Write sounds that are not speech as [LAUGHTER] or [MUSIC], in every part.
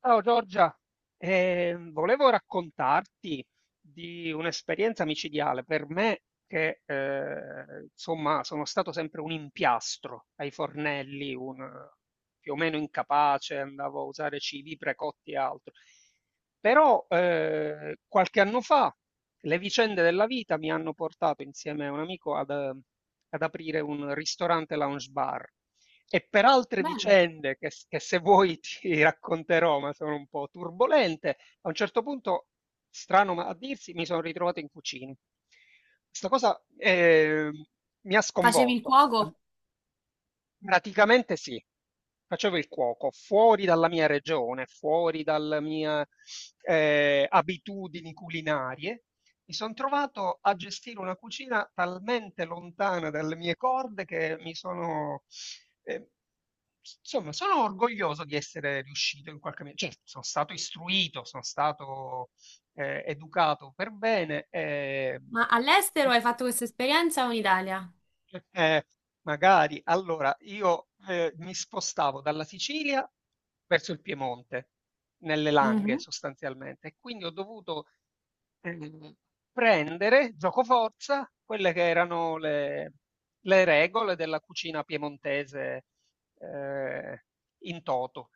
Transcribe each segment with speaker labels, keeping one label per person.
Speaker 1: Ciao Giorgia, volevo raccontarti di un'esperienza micidiale per me che insomma sono stato sempre un impiastro ai fornelli, un più o meno incapace, andavo a usare cibi precotti e altro. Però qualche anno fa le vicende della vita mi hanno portato insieme a un amico ad ad aprire un ristorante lounge bar e per altre
Speaker 2: Bene.
Speaker 1: vicende che se vuoi [LAUGHS] ti racconterò, ma sono un po' turbolente, a un certo punto, strano ma a dirsi, mi sono ritrovato in cucina. Questa cosa mi ha
Speaker 2: Facevi il
Speaker 1: sconvolto.
Speaker 2: cuoco?
Speaker 1: Praticamente sì. Facevo il cuoco fuori dalla mia regione, fuori dalle mie abitudini culinarie. Mi sono trovato a gestire una cucina talmente lontana dalle mie corde che mi sono, eh, insomma, sono orgoglioso di essere riuscito in qualche modo. Cioè, sono stato istruito, sono stato educato per bene.
Speaker 2: Ma all'estero
Speaker 1: E,
Speaker 2: hai fatto questa esperienza o in Italia?
Speaker 1: eh, magari. Allora, io mi spostavo dalla Sicilia verso il Piemonte, nelle Langhe
Speaker 2: Mhm.
Speaker 1: sostanzialmente, e quindi ho dovuto eh, prendere, giocoforza, quelle che erano le regole della cucina piemontese eh, in toto.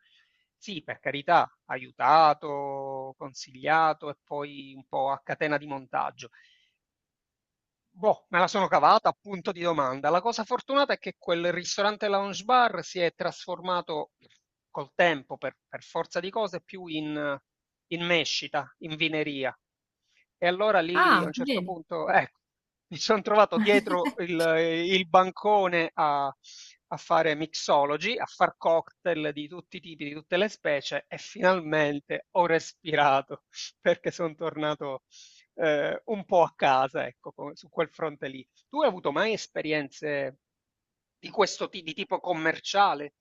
Speaker 1: Sì, per carità, aiutato, consigliato e poi un po' a catena di montaggio. Boh, me la sono cavata, punto di domanda. La cosa fortunata è che quel ristorante lounge bar si è trasformato col tempo, per forza di cose, più in mescita, in vineria. E allora lì a
Speaker 2: Ah,
Speaker 1: un certo
Speaker 2: vedi.
Speaker 1: punto, ecco, mi sono trovato
Speaker 2: [LAUGHS]
Speaker 1: il bancone a fare mixology, a far cocktail di tutti i tipi, di tutte le specie, e finalmente ho respirato [LAUGHS] perché sono tornato un po' a casa, ecco, su quel fronte lì. Tu hai avuto mai esperienze di di tipo commerciale?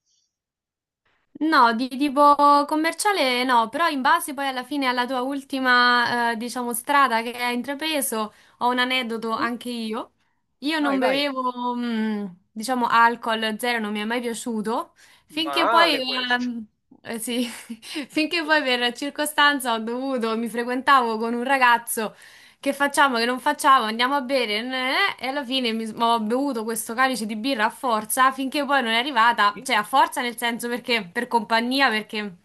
Speaker 2: No, di tipo commerciale no, però in base poi alla fine alla tua ultima, diciamo, strada che hai intrapreso, ho un aneddoto
Speaker 1: Mm?
Speaker 2: anche io. Io
Speaker 1: Vai,
Speaker 2: non
Speaker 1: vai.
Speaker 2: bevevo, diciamo, alcol zero, non mi è mai piaciuto, finché poi,
Speaker 1: Male questo.
Speaker 2: sì, [LAUGHS] finché poi
Speaker 1: [LAUGHS]
Speaker 2: per circostanza ho dovuto, mi frequentavo con un ragazzo. Che facciamo, che non facciamo, andiamo a bere, e alla fine mi, ho bevuto questo calice di birra a forza finché poi non è arrivata,
Speaker 1: Sì,
Speaker 2: cioè a forza nel senso perché per compagnia, perché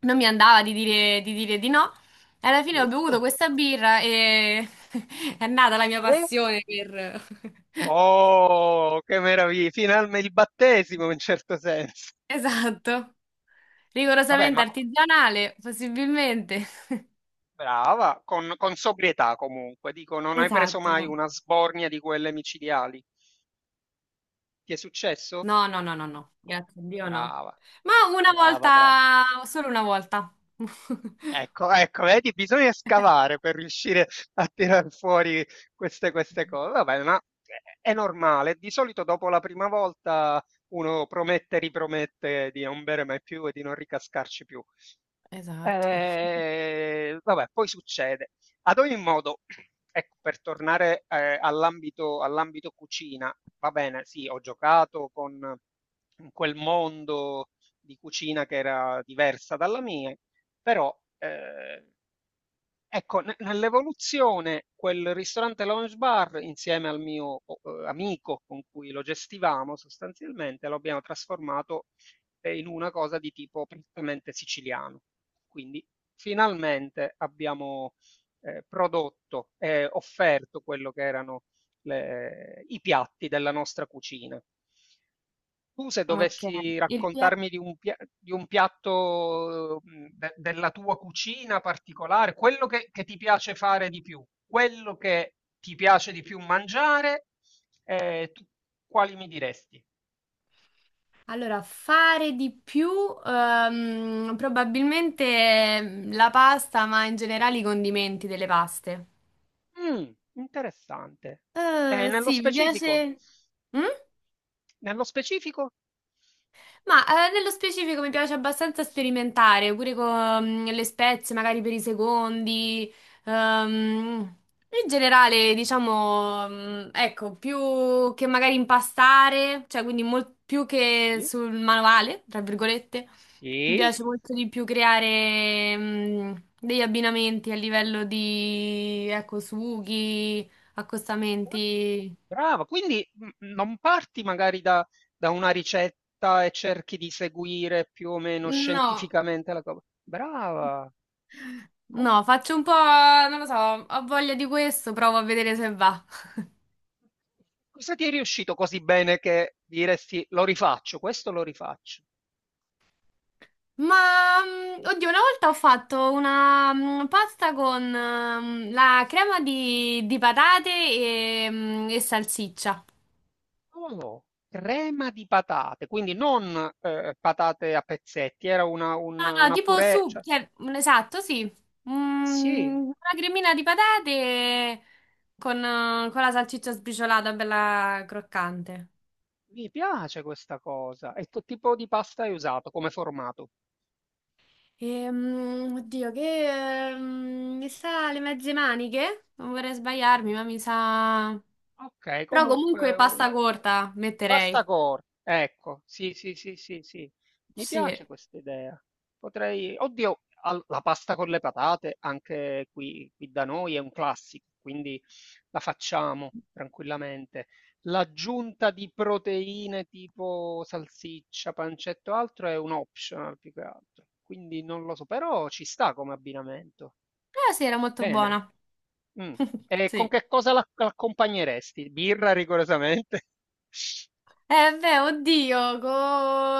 Speaker 2: non mi andava di dire di no. E alla fine ho bevuto
Speaker 1: giusto.
Speaker 2: questa birra e [LAUGHS] è nata la mia
Speaker 1: Eh?
Speaker 2: passione per... [LAUGHS]
Speaker 1: Oh, che meraviglia! Finalmente il battesimo in un certo senso.
Speaker 2: Esatto,
Speaker 1: Vabbè,
Speaker 2: rigorosamente artigianale, possibilmente.
Speaker 1: brava, con sobrietà comunque. Dico, non hai preso mai
Speaker 2: Esatto.
Speaker 1: una sbornia di quelle micidiali. Ti è successo?
Speaker 2: No, no, no, no, no, grazie a Dio no.
Speaker 1: Brava,
Speaker 2: Ma una
Speaker 1: brava, brava.
Speaker 2: volta, solo una volta. [LAUGHS]
Speaker 1: Ecco, ecco, vedi, bisogna scavare per riuscire a tirar fuori queste cose. Vabbè, ma è normale. Di solito dopo la prima volta uno promette, ripromette di non bere mai più e di non ricascarci più.
Speaker 2: Esatto.
Speaker 1: Vabbè, poi succede. Ad ogni modo, [CLEARS THROAT] ecco, per tornare all'ambito cucina, va bene, sì, ho giocato con in quel mondo di cucina che era diversa dalla mia, però, ecco, ne nell'evoluzione quel ristorante lounge bar insieme al mio o amico con cui lo gestivamo sostanzialmente, lo abbiamo trasformato, in una cosa di tipo prettamente siciliano. Quindi finalmente abbiamo, prodotto e offerto quello che erano le i piatti della nostra cucina. Tu se
Speaker 2: Ok.
Speaker 1: dovessi
Speaker 2: il pia-
Speaker 1: raccontarmi di un di un piatto della tua cucina particolare, quello che ti piace fare di più, quello che ti piace di più mangiare, tu quali mi diresti?
Speaker 2: Allora, fare di più, probabilmente la pasta, ma in generale i condimenti delle paste.
Speaker 1: Mm, interessante. Nello
Speaker 2: Sì, mi
Speaker 1: specifico?
Speaker 2: piace. Mm?
Speaker 1: Nello specifico?
Speaker 2: Ma nello specifico mi piace abbastanza sperimentare, pure con le spezie, magari per i secondi. ehm, in generale, diciamo, ecco, più che magari impastare, cioè quindi più che
Speaker 1: Sì,
Speaker 2: sul manuale, tra virgolette, mi
Speaker 1: sì.
Speaker 2: piace molto di più creare degli abbinamenti a livello di, ecco, sughi,
Speaker 1: Bra
Speaker 2: accostamenti.
Speaker 1: brava, quindi, mhmm, non parti magari da una ricetta e cerchi di seguire più o meno
Speaker 2: No.
Speaker 1: scientificamente la co brava! Co
Speaker 2: No, faccio un po', non lo so, ho voglia di questo, provo a vedere se va.
Speaker 1: cosa ti è riuscito così bene che diresti: "Lo rifaccio, questo lo rifaccio"?
Speaker 2: Ma, oddio, una volta ho fatto una pasta con la crema di patate e salsiccia.
Speaker 1: Oh, crema di patate, quindi non, patate a pezzetti, era
Speaker 2: Ah, no,
Speaker 1: una
Speaker 2: tipo
Speaker 1: purée,
Speaker 2: su,
Speaker 1: cioè
Speaker 2: cioè, esatto, sì.
Speaker 1: sì,
Speaker 2: Una cremina di patate con la salsiccia sbriciolata, bella croccante.
Speaker 1: mi piace questa cosa. E che tipo di pasta hai usato come formato?
Speaker 2: Oddio, che mi sa le mezze maniche? Non vorrei sbagliarmi, ma mi sa.
Speaker 1: Okay,
Speaker 2: Però
Speaker 1: comunque
Speaker 2: comunque
Speaker 1: u
Speaker 2: pasta corta metterei.
Speaker 1: Bastacore, ecco, sì, mi
Speaker 2: Sì.
Speaker 1: piace
Speaker 2: Eh
Speaker 1: questa idea. Potrei, oddio, la pasta con le patate anche qui, qui da noi è un classico, quindi la facciamo tranquillamente. L'aggiunta di proteine tipo salsiccia, pancetto, altro è un optional più che altro, quindi non lo so, però ci sta come abbinamento.
Speaker 2: sì, era molto
Speaker 1: Bene.
Speaker 2: buona.
Speaker 1: Mm.
Speaker 2: [LAUGHS]
Speaker 1: E con
Speaker 2: Sì.
Speaker 1: che cosa l'accompagneresti? Birra rigorosamente? [LAUGHS]
Speaker 2: Eh beh, oddio, con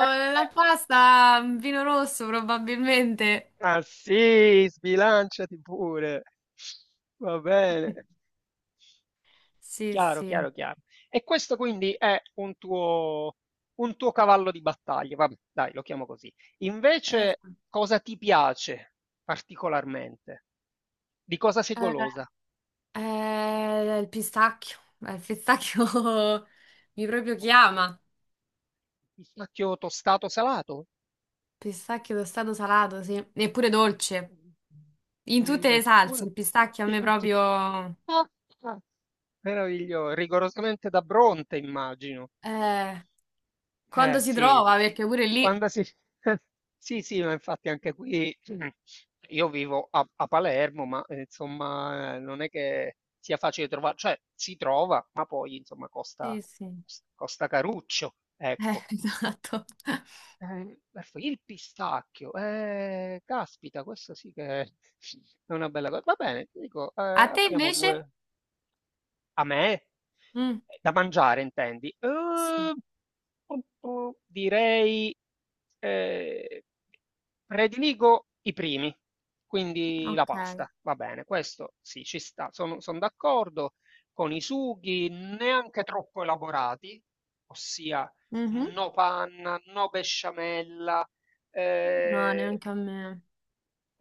Speaker 1: Eh,
Speaker 2: la
Speaker 1: eh.
Speaker 2: pasta vino rosso probabilmente.
Speaker 1: Ma sì, sbilanciati pure. Va bene.
Speaker 2: [LAUGHS] Sì,
Speaker 1: Chiaro,
Speaker 2: sì.
Speaker 1: chiaro, chiaro. E questo quindi è un tuo cavallo di battaglia. Vabbè, dai, lo chiamo così.
Speaker 2: Eh,
Speaker 1: Invece, cosa ti piace particolarmente? Di cosa sei golosa?
Speaker 2: eh, il pistacchio. Il pistacchio [LAUGHS] mi proprio
Speaker 1: Oh,
Speaker 2: chiama.
Speaker 1: Pistacchio tostato salato?
Speaker 2: Pistacchio tostato salato, sì. Eppure dolce. In tutte le salse,
Speaker 1: Eppure.
Speaker 2: il pistacchio a me
Speaker 1: [LAUGHS]
Speaker 2: proprio...
Speaker 1: Ah, ah, Meraviglioso. [LAUGHS] Rigorosamente da Bronte, immagino.
Speaker 2: eh, quando
Speaker 1: Eh
Speaker 2: si
Speaker 1: sì, sì.
Speaker 2: trova, perché pure lì...
Speaker 1: Quando si... [LAUGHS] Sì, sì, ma infatti anche qui [CLEARS THROAT] io vivo a Palermo, ma insomma non è che sia facile trovare, cioè si trova, ma poi insomma costa,
Speaker 2: Sì, sì.
Speaker 1: costa caruccio, ecco.
Speaker 2: [LAUGHS] Esatto.
Speaker 1: Perfetto. Il pistacchio, caspita, questo sì che [LAUGHS] è una bella cosa. Va bene, ti dico,
Speaker 2: A te
Speaker 1: abbiamo
Speaker 2: invece?
Speaker 1: due, a me?
Speaker 2: Mm,
Speaker 1: Da mangiare, intendi?
Speaker 2: sì,
Speaker 1: Direi, eh, prediligo i primi, quindi la
Speaker 2: ok.
Speaker 1: pasta, va bene, questo sì, ci sta, sono d'accordo con i sughi neanche troppo elaborati, ossia
Speaker 2: Mhm.
Speaker 1: no panna, no besciamella,
Speaker 2: No,
Speaker 1: eh,
Speaker 2: neanche a me.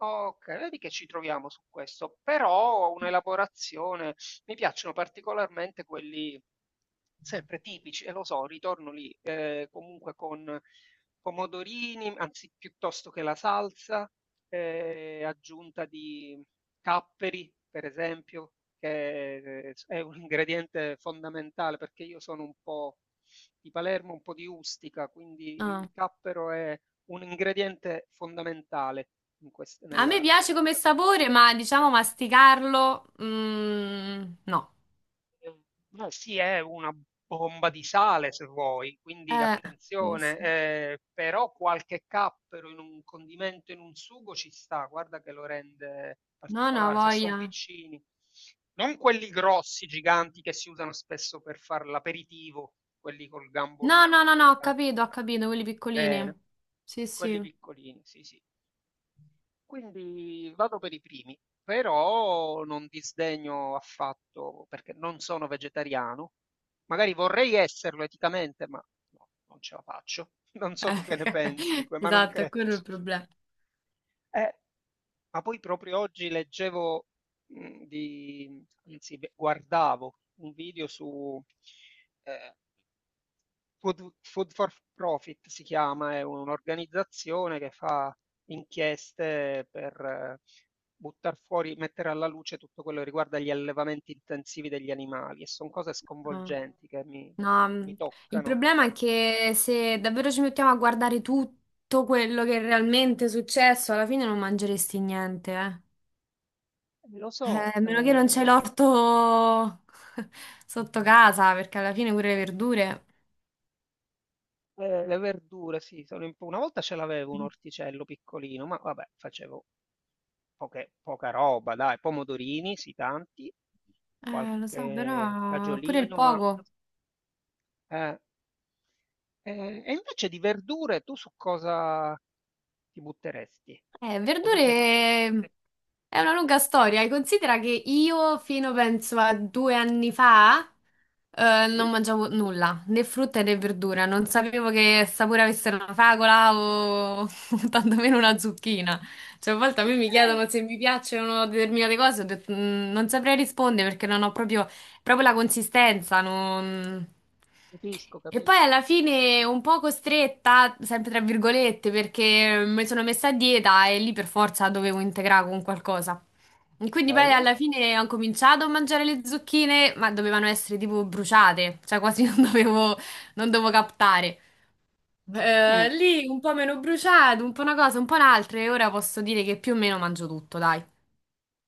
Speaker 1: Okay, vedi che ci troviamo su questo, però ho un'elaborazione mi piacciono particolarmente quelli sempre tipici, e lo so, ritorno lì, comunque con pomodorini, anzi piuttosto che la salsa, aggiunta di capperi, per esempio, che s è un ingrediente fondamentale, perché io sono un po' di Palermo, un po' di Ustica, quindi
Speaker 2: Ah.
Speaker 1: il cappero è un ingrediente fondamentale in
Speaker 2: A me piace come
Speaker 1: nella
Speaker 2: sapore, ma diciamo masticarlo... no.
Speaker 1: cucina. Ma sì, è una bomba di sale se vuoi, quindi
Speaker 2: Eh, sì,
Speaker 1: attenzione,
Speaker 2: sì.
Speaker 1: però qualche cappero in un condimento, in un sugo ci sta, guarda che lo rende
Speaker 2: No, no,
Speaker 1: particolare, se sono
Speaker 2: voglia.
Speaker 1: piccini, non quelli grossi, giganti che si usano spesso per fare l'aperitivo, quelli col gambo
Speaker 2: No, no,
Speaker 1: lungo,
Speaker 2: no,
Speaker 1: che ti
Speaker 2: no,
Speaker 1: danno
Speaker 2: ho capito, quelli piccolini.
Speaker 1: bene,
Speaker 2: Sì,
Speaker 1: quelli
Speaker 2: sì.
Speaker 1: piccolini, sì, sì. Quindi vado per i primi, però non disdegno affatto perché non sono vegetariano. Magari vorrei esserlo eticamente, ma no, non ce la faccio. [LAUGHS] Non so tu che ne pensi di
Speaker 2: [LAUGHS]
Speaker 1: ma non
Speaker 2: Esatto, è
Speaker 1: credo.
Speaker 2: quello il problema.
Speaker 1: Eh, ma poi proprio oggi leggevo, beh, guardavo un video su, eh, Food for Profit si chiama, è un'organizzazione che fa inchieste per buttar fuori, mettere alla luce tutto quello che riguarda gli allevamenti intensivi degli animali e sono cose
Speaker 2: No,
Speaker 1: sconvolgenti
Speaker 2: no,
Speaker 1: mi
Speaker 2: il
Speaker 1: toccano.
Speaker 2: problema è che se davvero ci mettiamo a guardare tutto quello che è realmente successo, alla fine non mangeresti niente, eh.
Speaker 1: Lo
Speaker 2: Eh,
Speaker 1: so,
Speaker 2: a meno che non c'è l'orto [LAUGHS] sotto casa, perché alla fine pure le verdure.
Speaker 1: le verdure, sì, sono una volta ce l'avevo un orticello piccolino, ma vabbè, facevo poca roba, dai, pomodorini, sì, tanti,
Speaker 2: Lo so,
Speaker 1: qualche
Speaker 2: però pure il
Speaker 1: fagiolino, ma...
Speaker 2: poco.
Speaker 1: eh, e invece di verdure tu su cosa ti butteresti?
Speaker 2: Eh,
Speaker 1: Cosa
Speaker 2: verdure è una lunga storia. Considera che io fino penso a 2 anni fa non
Speaker 1: preferi?
Speaker 2: mangiavo nulla, né frutta né verdura. Non sapevo che sapore avesse una fragola o [LAUGHS] tantomeno una zucchina. Cioè, a volte a me mi
Speaker 1: Okay,
Speaker 2: chiedono se mi piacciono determinate cose, ho detto, "Mm, non saprei rispondere perché non ho proprio, proprio la consistenza. non-
Speaker 1: capisco,
Speaker 2: e
Speaker 1: capis
Speaker 2: poi alla fine un po' costretta, sempre tra virgolette, perché mi sono messa a dieta e lì per forza dovevo integrare con qualcosa. E quindi poi
Speaker 1: bene.
Speaker 2: alla fine ho cominciato a mangiare le zucchine, ma dovevano essere tipo bruciate, cioè quasi [LAUGHS] non dovevo captare.
Speaker 1: Mh.
Speaker 2: Lì un po' meno bruciato, un po' una cosa, un po' un'altra, e ora posso dire che più o meno mangio tutto, dai.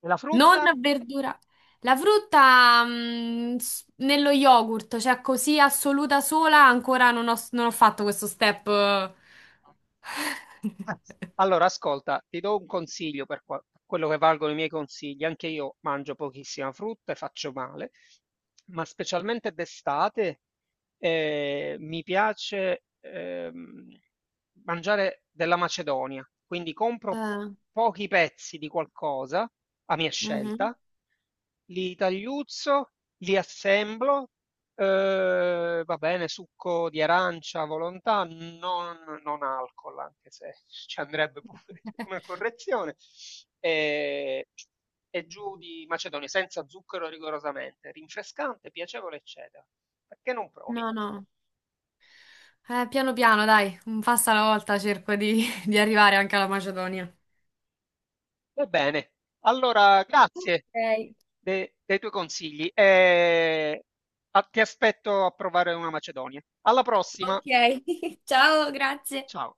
Speaker 1: E la
Speaker 2: Non
Speaker 1: frutta?
Speaker 2: verdura. La frutta, nello yogurt, cioè così assoluta sola, ancora non ho fatto questo step.
Speaker 1: Eh,
Speaker 2: [LAUGHS]
Speaker 1: Allora, ascolta, ti do un consiglio per quello che valgono i miei consigli. Anche io mangio pochissima frutta e faccio male, ma specialmente d'estate mi piace mangiare della Macedonia. Quindi compro
Speaker 2: Eh,
Speaker 1: pochi pezzi di qualcosa a mia
Speaker 2: mhm.
Speaker 1: scelta, li tagliuzzo, li assemblo, va bene, succo di arancia a volontà, non alcol, anche se [LAUGHS] ci andrebbe pure una correzione, ehm, e giù di macedonia, senza zucchero rigorosamente, rinfrescante, piacevole, eccetera. Perché non provi?
Speaker 2: No, no. Piano piano, dai, un passo alla volta cerco [LAUGHS] di arrivare anche alla Macedonia.
Speaker 1: Va bene, allora grazie
Speaker 2: Ok,
Speaker 1: de dei tuoi consigli e a ti aspetto a provare una macedonia. Alla prossima,
Speaker 2: ok. [LAUGHS] Ciao, grazie.
Speaker 1: ciao.